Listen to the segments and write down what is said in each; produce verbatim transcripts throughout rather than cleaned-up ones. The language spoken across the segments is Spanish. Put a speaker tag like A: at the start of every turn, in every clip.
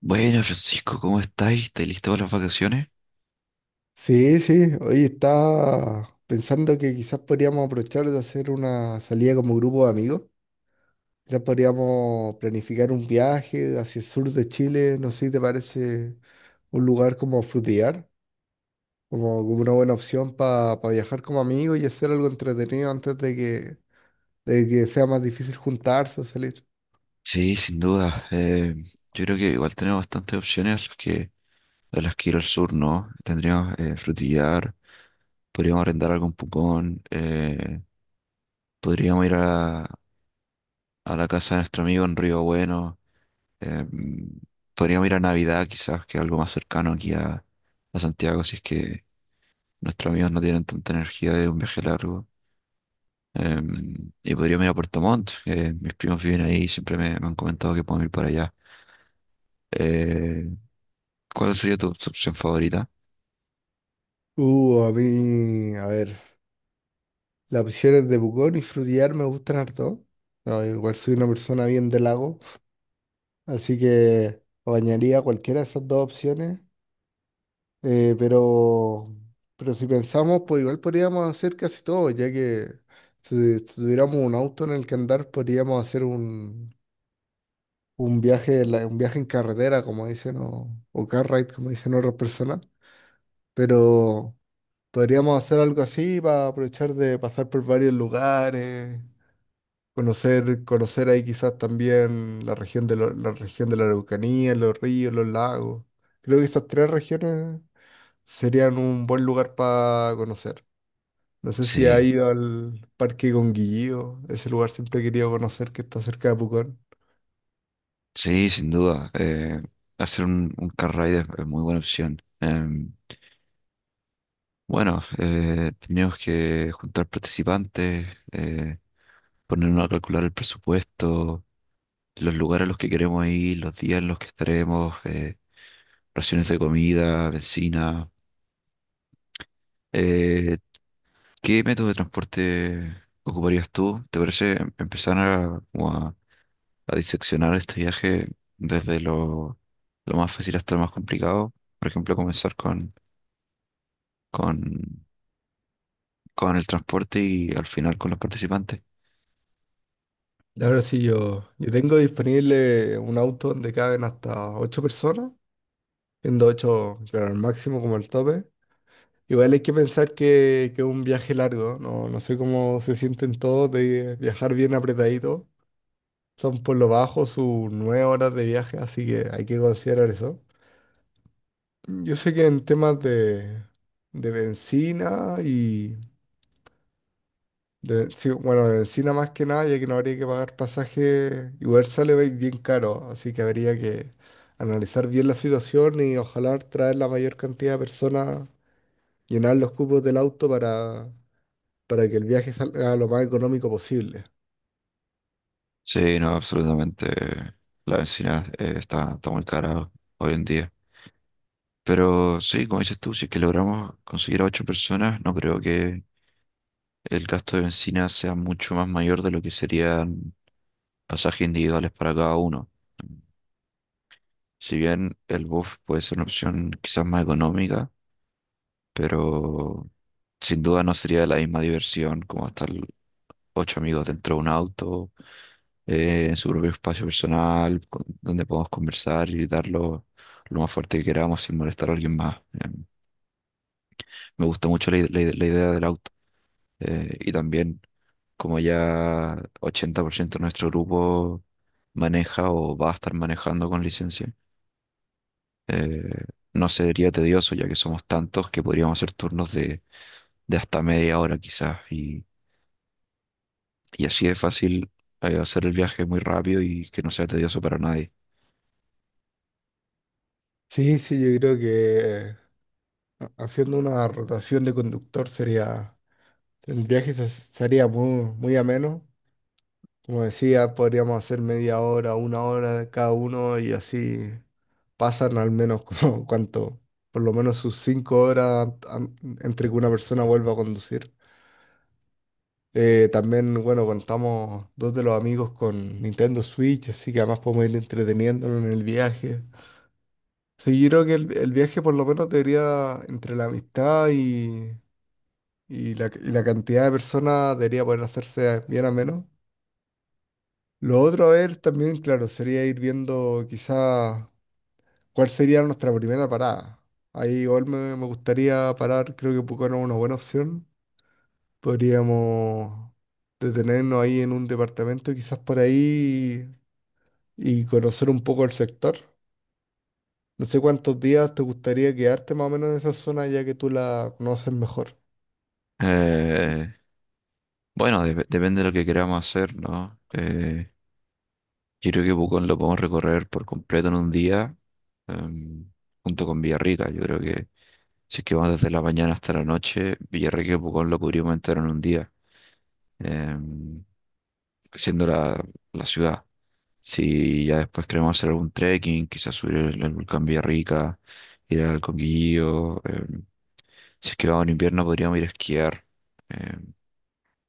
A: Bueno, Francisco, ¿cómo estáis? ¿Estáis listo para las vacaciones?
B: Sí, sí, hoy estaba pensando que quizás podríamos aprovechar de hacer una salida como grupo de amigos. Quizás podríamos planificar un viaje hacia el sur de Chile, no sé si te parece un lugar como Frutillar, como, como una buena opción para viajar como amigos y hacer algo entretenido antes de que, de que sea más difícil juntarse o salir.
A: Sí, sin duda. Eh, yo creo que igual tenemos bastantes opciones a las que, a las que ir al sur, ¿no? Tendríamos eh, Frutillar, podríamos arrendar algún pupón, eh, podríamos ir a, a la casa de nuestro amigo en Río Bueno, eh, podríamos ir a Navidad quizás, que es algo más cercano aquí a, a Santiago, si es que nuestros amigos no tienen tanta energía de un viaje largo. Em, y podríamos ir a Puerto Montt, que mis primos viven ahí y siempre me, me han comentado que podemos ir para allá. Eh, ¿Cuál sería tu, tu opción favorita?
B: Uh, a mí, a ver. Las opciones de Pucón y Frutillar me gustan harto. No, igual soy una persona bien de lago, así que bañaría cualquiera de esas dos opciones. Eh, pero, pero si pensamos, pues igual podríamos hacer casi todo, ya que si, si tuviéramos un auto en el que andar, podríamos hacer un, un viaje, en la- un viaje en carretera, como dicen, o, o car ride, como dicen otras personas. Pero podríamos hacer algo así para aprovechar de pasar por varios lugares. Conocer, conocer ahí quizás también la región de la, la región de la Araucanía, los ríos, los lagos. Creo que esas tres regiones serían un buen lugar para conocer. No sé si ha
A: Sí,
B: ido al Parque Conguillío, ese lugar siempre he querido conocer, que está cerca de Pucón.
A: sí, sin duda. Eh, hacer un, un car ride es, es muy buena opción. Em, bueno, eh, tenemos que juntar participantes, eh, ponernos a calcular el presupuesto, los lugares a los que queremos ir, los días en los que estaremos, eh, raciones de comida, benzina. Eh, ¿Qué método de transporte ocuparías tú? ¿Te parece em- empezar a, como a, a diseccionar este viaje desde lo, lo más fácil hasta lo más complicado? Por ejemplo, comenzar con, con, con el transporte y al final con los participantes.
B: La verdad sí, yo, yo tengo disponible un auto donde caben hasta ocho personas, siendo ocho, claro, el máximo como el tope. Igual hay que pensar que, que es un viaje largo, no, no sé cómo se sienten todos de viajar bien apretadito. Son por lo bajo sus nueve horas de viaje, así que hay que considerar eso. Yo sé que en temas de, de bencina y de, sí, bueno, de bencina más que nada, ya que no habría que pagar pasaje, igual sale bi- bien caro, así que habría que analizar bien la situación y ojalá traer la mayor cantidad de personas, llenar los cupos del auto para para que el viaje salga lo más económico posible.
A: Sí, no, absolutamente. La benzina eh, está, está muy cara hoy en día. Pero sí, como dices tú, si es que logramos conseguir a ocho personas, no creo que el gasto de benzina sea mucho más mayor de lo que sería pasajes individuales para cada uno. Si bien el bus puede ser una opción quizás más económica, pero sin duda no sería la misma diversión como estar ocho amigos dentro de un auto, eh, en su propio espacio personal, con- donde podamos conversar y dar lo, lo más fuerte que queramos sin molestar a alguien más. Eh, me gusta mucho la, ide- la ide- la idea del auto. Eh, y también como ya ochenta por ciento de nuestro grupo maneja o va a estar manejando con licencia. Eh, no sería tedioso ya que somos tantos que podríamos hacer turnos de, de hasta media hora quizás y, y así es fácil eh, hacer el viaje muy rápido y que no sea tedioso para nadie.
B: Sí, sí, yo creo que eh, haciendo una rotación de conductor sería, el viaje se- sería muy, muy ameno. Como decía, podríamos hacer media hora, una hora de cada uno y así pasan al menos como cuánto, por lo menos sus cinco horas an- entre que una persona vuelva a conducir. Eh, también, bueno, contamos dos de los amigos con Nintendo Switch, así que además podemos ir entreteniéndonos en el viaje. Sí, yo creo que el, el viaje por lo menos debería, entre la amistad y, y la, y la cantidad de personas, debería poder hacerse bien a menos. Lo otro, a ver, también, claro, sería ir viendo quizá cuál sería nuestra primera parada. Ahí igual me, me gustaría parar, creo que Pucón es una buena opción. Podríamos detenernos ahí en un departamento, quizás por ahí, y conocer un poco el sector. No sé cuántos días te gustaría quedarte más o menos en esa zona ya que tú la conoces mejor.
A: Eh, bueno, dep- depende de lo que queramos hacer, ¿no? Eh, yo creo que Pucón lo podemos recorrer por completo en un día em, junto con Villarrica. Yo creo que si es que vamos desde la mañana hasta la noche, Villarrica y Pucón lo cubrimos entero en un día. em, Siendo la, la ciudad. Si ya después queremos hacer algún trekking, quizás subir el, el volcán Villarrica, ir al Conguillío. Em, si es que vamos en invierno, podríamos ir a esquiar em,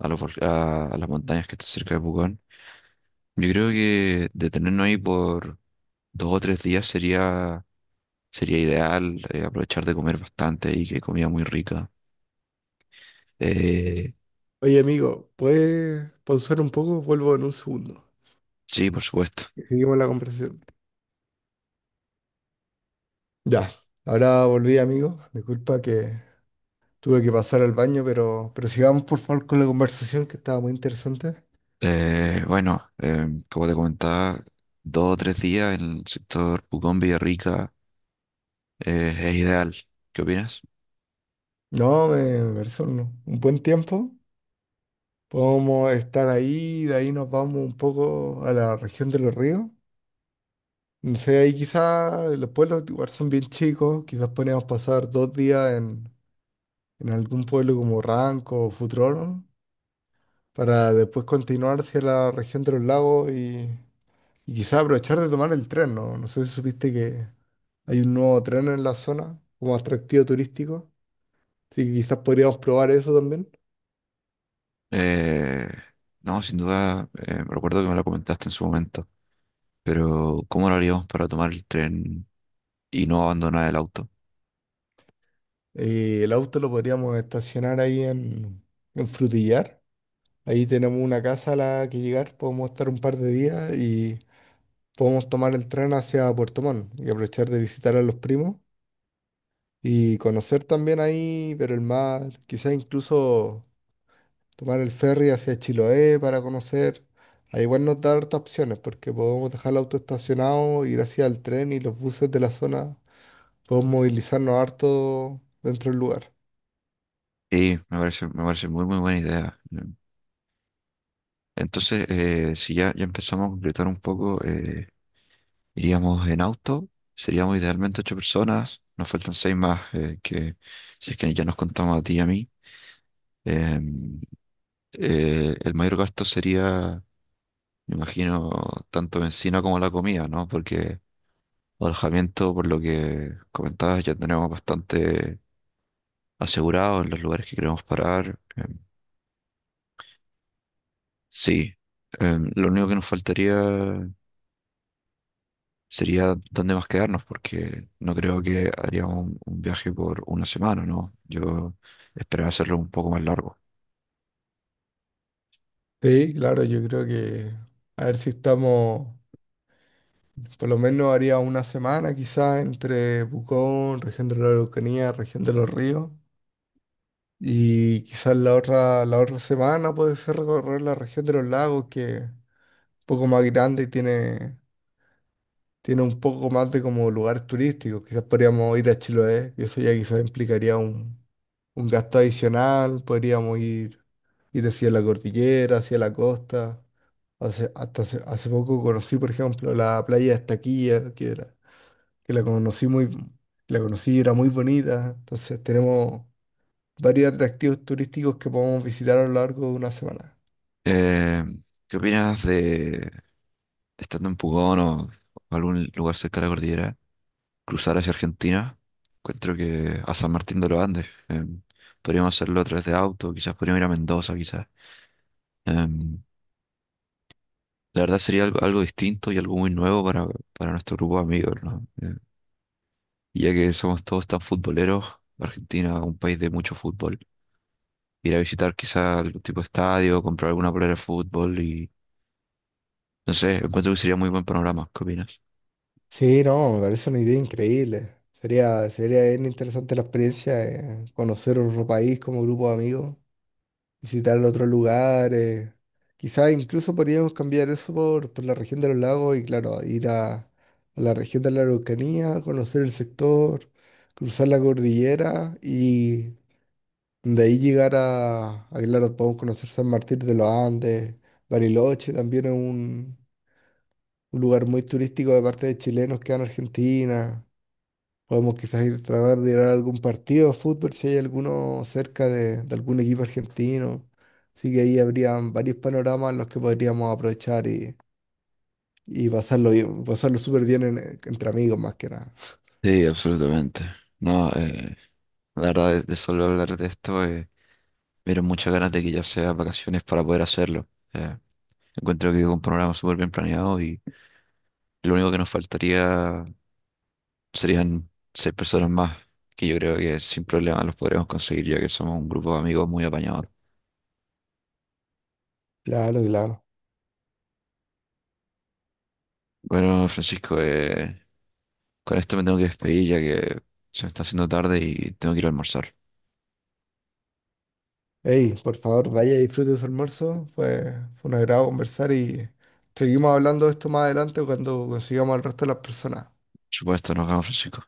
A: a, los vol- a, a las montañas que están cerca de Pucón. Yo creo que detenernos ahí por dos o tres días sería, sería ideal, eh, aprovechar de comer bastante y que hay comida muy rica. Eh,
B: Oye, amigo, ¿puedes pausar un poco? Vuelvo en un segundo.
A: sí, por supuesto.
B: Y seguimos la conversación. Ya, ahora volví, amigo. Disculpa que tuve que pasar al baño, pero, pero sigamos por favor con la conversación que estaba muy interesante.
A: Eh, bueno, em, como te comentaba, dos o tres días en el sector Pucón Villarrica eh, es ideal. ¿Qué opinas?
B: No, me pareció un, un buen tiempo. Podemos estar ahí, de ahí nos vamos un poco a la región de los ríos. No sé, ahí quizás los pueblos igual son bien chicos, quizás podríamos pasar dos días en, en algún pueblo como Ranco o Futrono para después continuar hacia la región de los lagos y, y quizás aprovechar de tomar el tren, ¿no? No sé si supiste que hay un nuevo tren en la zona como atractivo turístico, así que quizás podríamos probar eso también.
A: Eh, no, sin duda, eh, recuerdo que me lo comentaste en su momento, pero ¿cómo lo haríamos para tomar el tren y no abandonar el auto?
B: Eh, el auto lo podríamos estacionar ahí en, en Frutillar. Ahí tenemos una casa a la que llegar, podemos estar un par de días y podemos tomar el tren hacia Puerto Montt y aprovechar de visitar a los primos y conocer también ahí, pero el mar, quizás incluso tomar el ferry hacia Chiloé para conocer. Ahí igual nos da hartas opciones porque podemos dejar el auto estacionado, ir hacia el tren y los buses de la zona. Podemos movilizarnos harto dentro del lugar.
A: Sí, me parece, me parece muy, muy buena idea. Em, Entonces, eh, si ya, ya empezamos a concretar un poco, eh, iríamos en auto, seríamos idealmente ocho personas, nos faltan seis más, eh, que si es que ya nos contamos a ti y a mí. Em, eh, el mayor gasto sería, me imagino, tanto bencina como la comida, ¿no? Porque alojamiento, por lo que comentabas, ya tenemos bastante asegurado en los lugares que queremos parar. Em, sí. Em, lo único que nos faltaría sería dónde más quedarnos, porque no creo que haríamos un, un viaje por una semana, ¿no? Yo esperaba hacerlo un poco más largo.
B: Sí, claro, yo creo que a ver si estamos, por lo menos haría una semana quizás entre Pucón, región de la Araucanía, región de los ríos. Y quizás la otra, la otra semana puede ser recorrer la región de los lagos, que es un poco más grande y tiene tiene un poco más de como lugares turísticos. Quizás podríamos ir a Chiloé, y eso ya quizás implicaría un, un gasto adicional. Podríamos ir, ir hacia la cordillera, hacia la costa. Hace, hasta hace, hace poco conocí, por ejemplo, la playa de Estaquilla, que, era- que la conocí muy, la conocí y era muy bonita. Entonces tenemos varios atractivos turísticos que podemos visitar a lo largo de una semana.
A: Eh, ¿Qué opinas de, estando en Pucón o, o algún lugar cerca de la cordillera, cruzar hacia Argentina? Encuentro que a San Martín de los Andes. Eh, podríamos hacerlo a través de auto, quizás podríamos ir a Mendoza, quizás. Eh, la verdad sería algo, algo distinto y algo muy nuevo para, para nuestro grupo de amigos, ¿no? Eh, Y ya que somos todos tan futboleros, Argentina, un país de mucho fútbol, ir a visitar quizá algún tipo de estadio, comprar alguna polera de fútbol y no sé, encuentro que sería muy buen panorama. ¿Qué opinas?
B: Sí, no, me parece una idea increíble. Sería, sería bien interesante la experiencia, eh, conocer otro país como grupo de amigos, visitar otros lugares. Quizás incluso podríamos cambiar eso por, por la región de los lagos y claro, ir a, a la región de la Araucanía, conocer el sector, cruzar la cordillera y de ahí llegar a, a, claro, podemos conocer San Martín de los Andes, Bariloche, también es un, un lugar muy turístico de parte de chilenos que van a Argentina. Podemos quizás ir a tratar de ir a algún partido de fútbol si hay alguno cerca de, de algún equipo argentino. Así que ahí habrían varios panoramas los que podríamos aprovechar y, y pasarlo bien- pasarlo súper bien en- entre amigos más que nada.
A: Sí, absolutamente. No, eh, la verdad, de, de solo hablar de esto, eh, me dieron muchas ganas de que ya sea vacaciones para poder hacerlo. Eh, Encuentro que es un programa súper bien planeado y lo único que nos faltaría serían seis personas más, que yo creo que sin problema los podremos conseguir ya que somos un grupo de amigos muy apañador.
B: Claro, claro.
A: Bueno, Francisco, eh, con esto me tengo que despedir ya que se me está haciendo tarde y tengo que ir a almorzar.
B: Hey, por favor, vaya y disfrute de su almuerzo. Fue, fue un agrado conversar y seguimos hablando de esto más adelante cuando consigamos al resto de las personas.
A: Por supuesto, nos vemos, Francisco.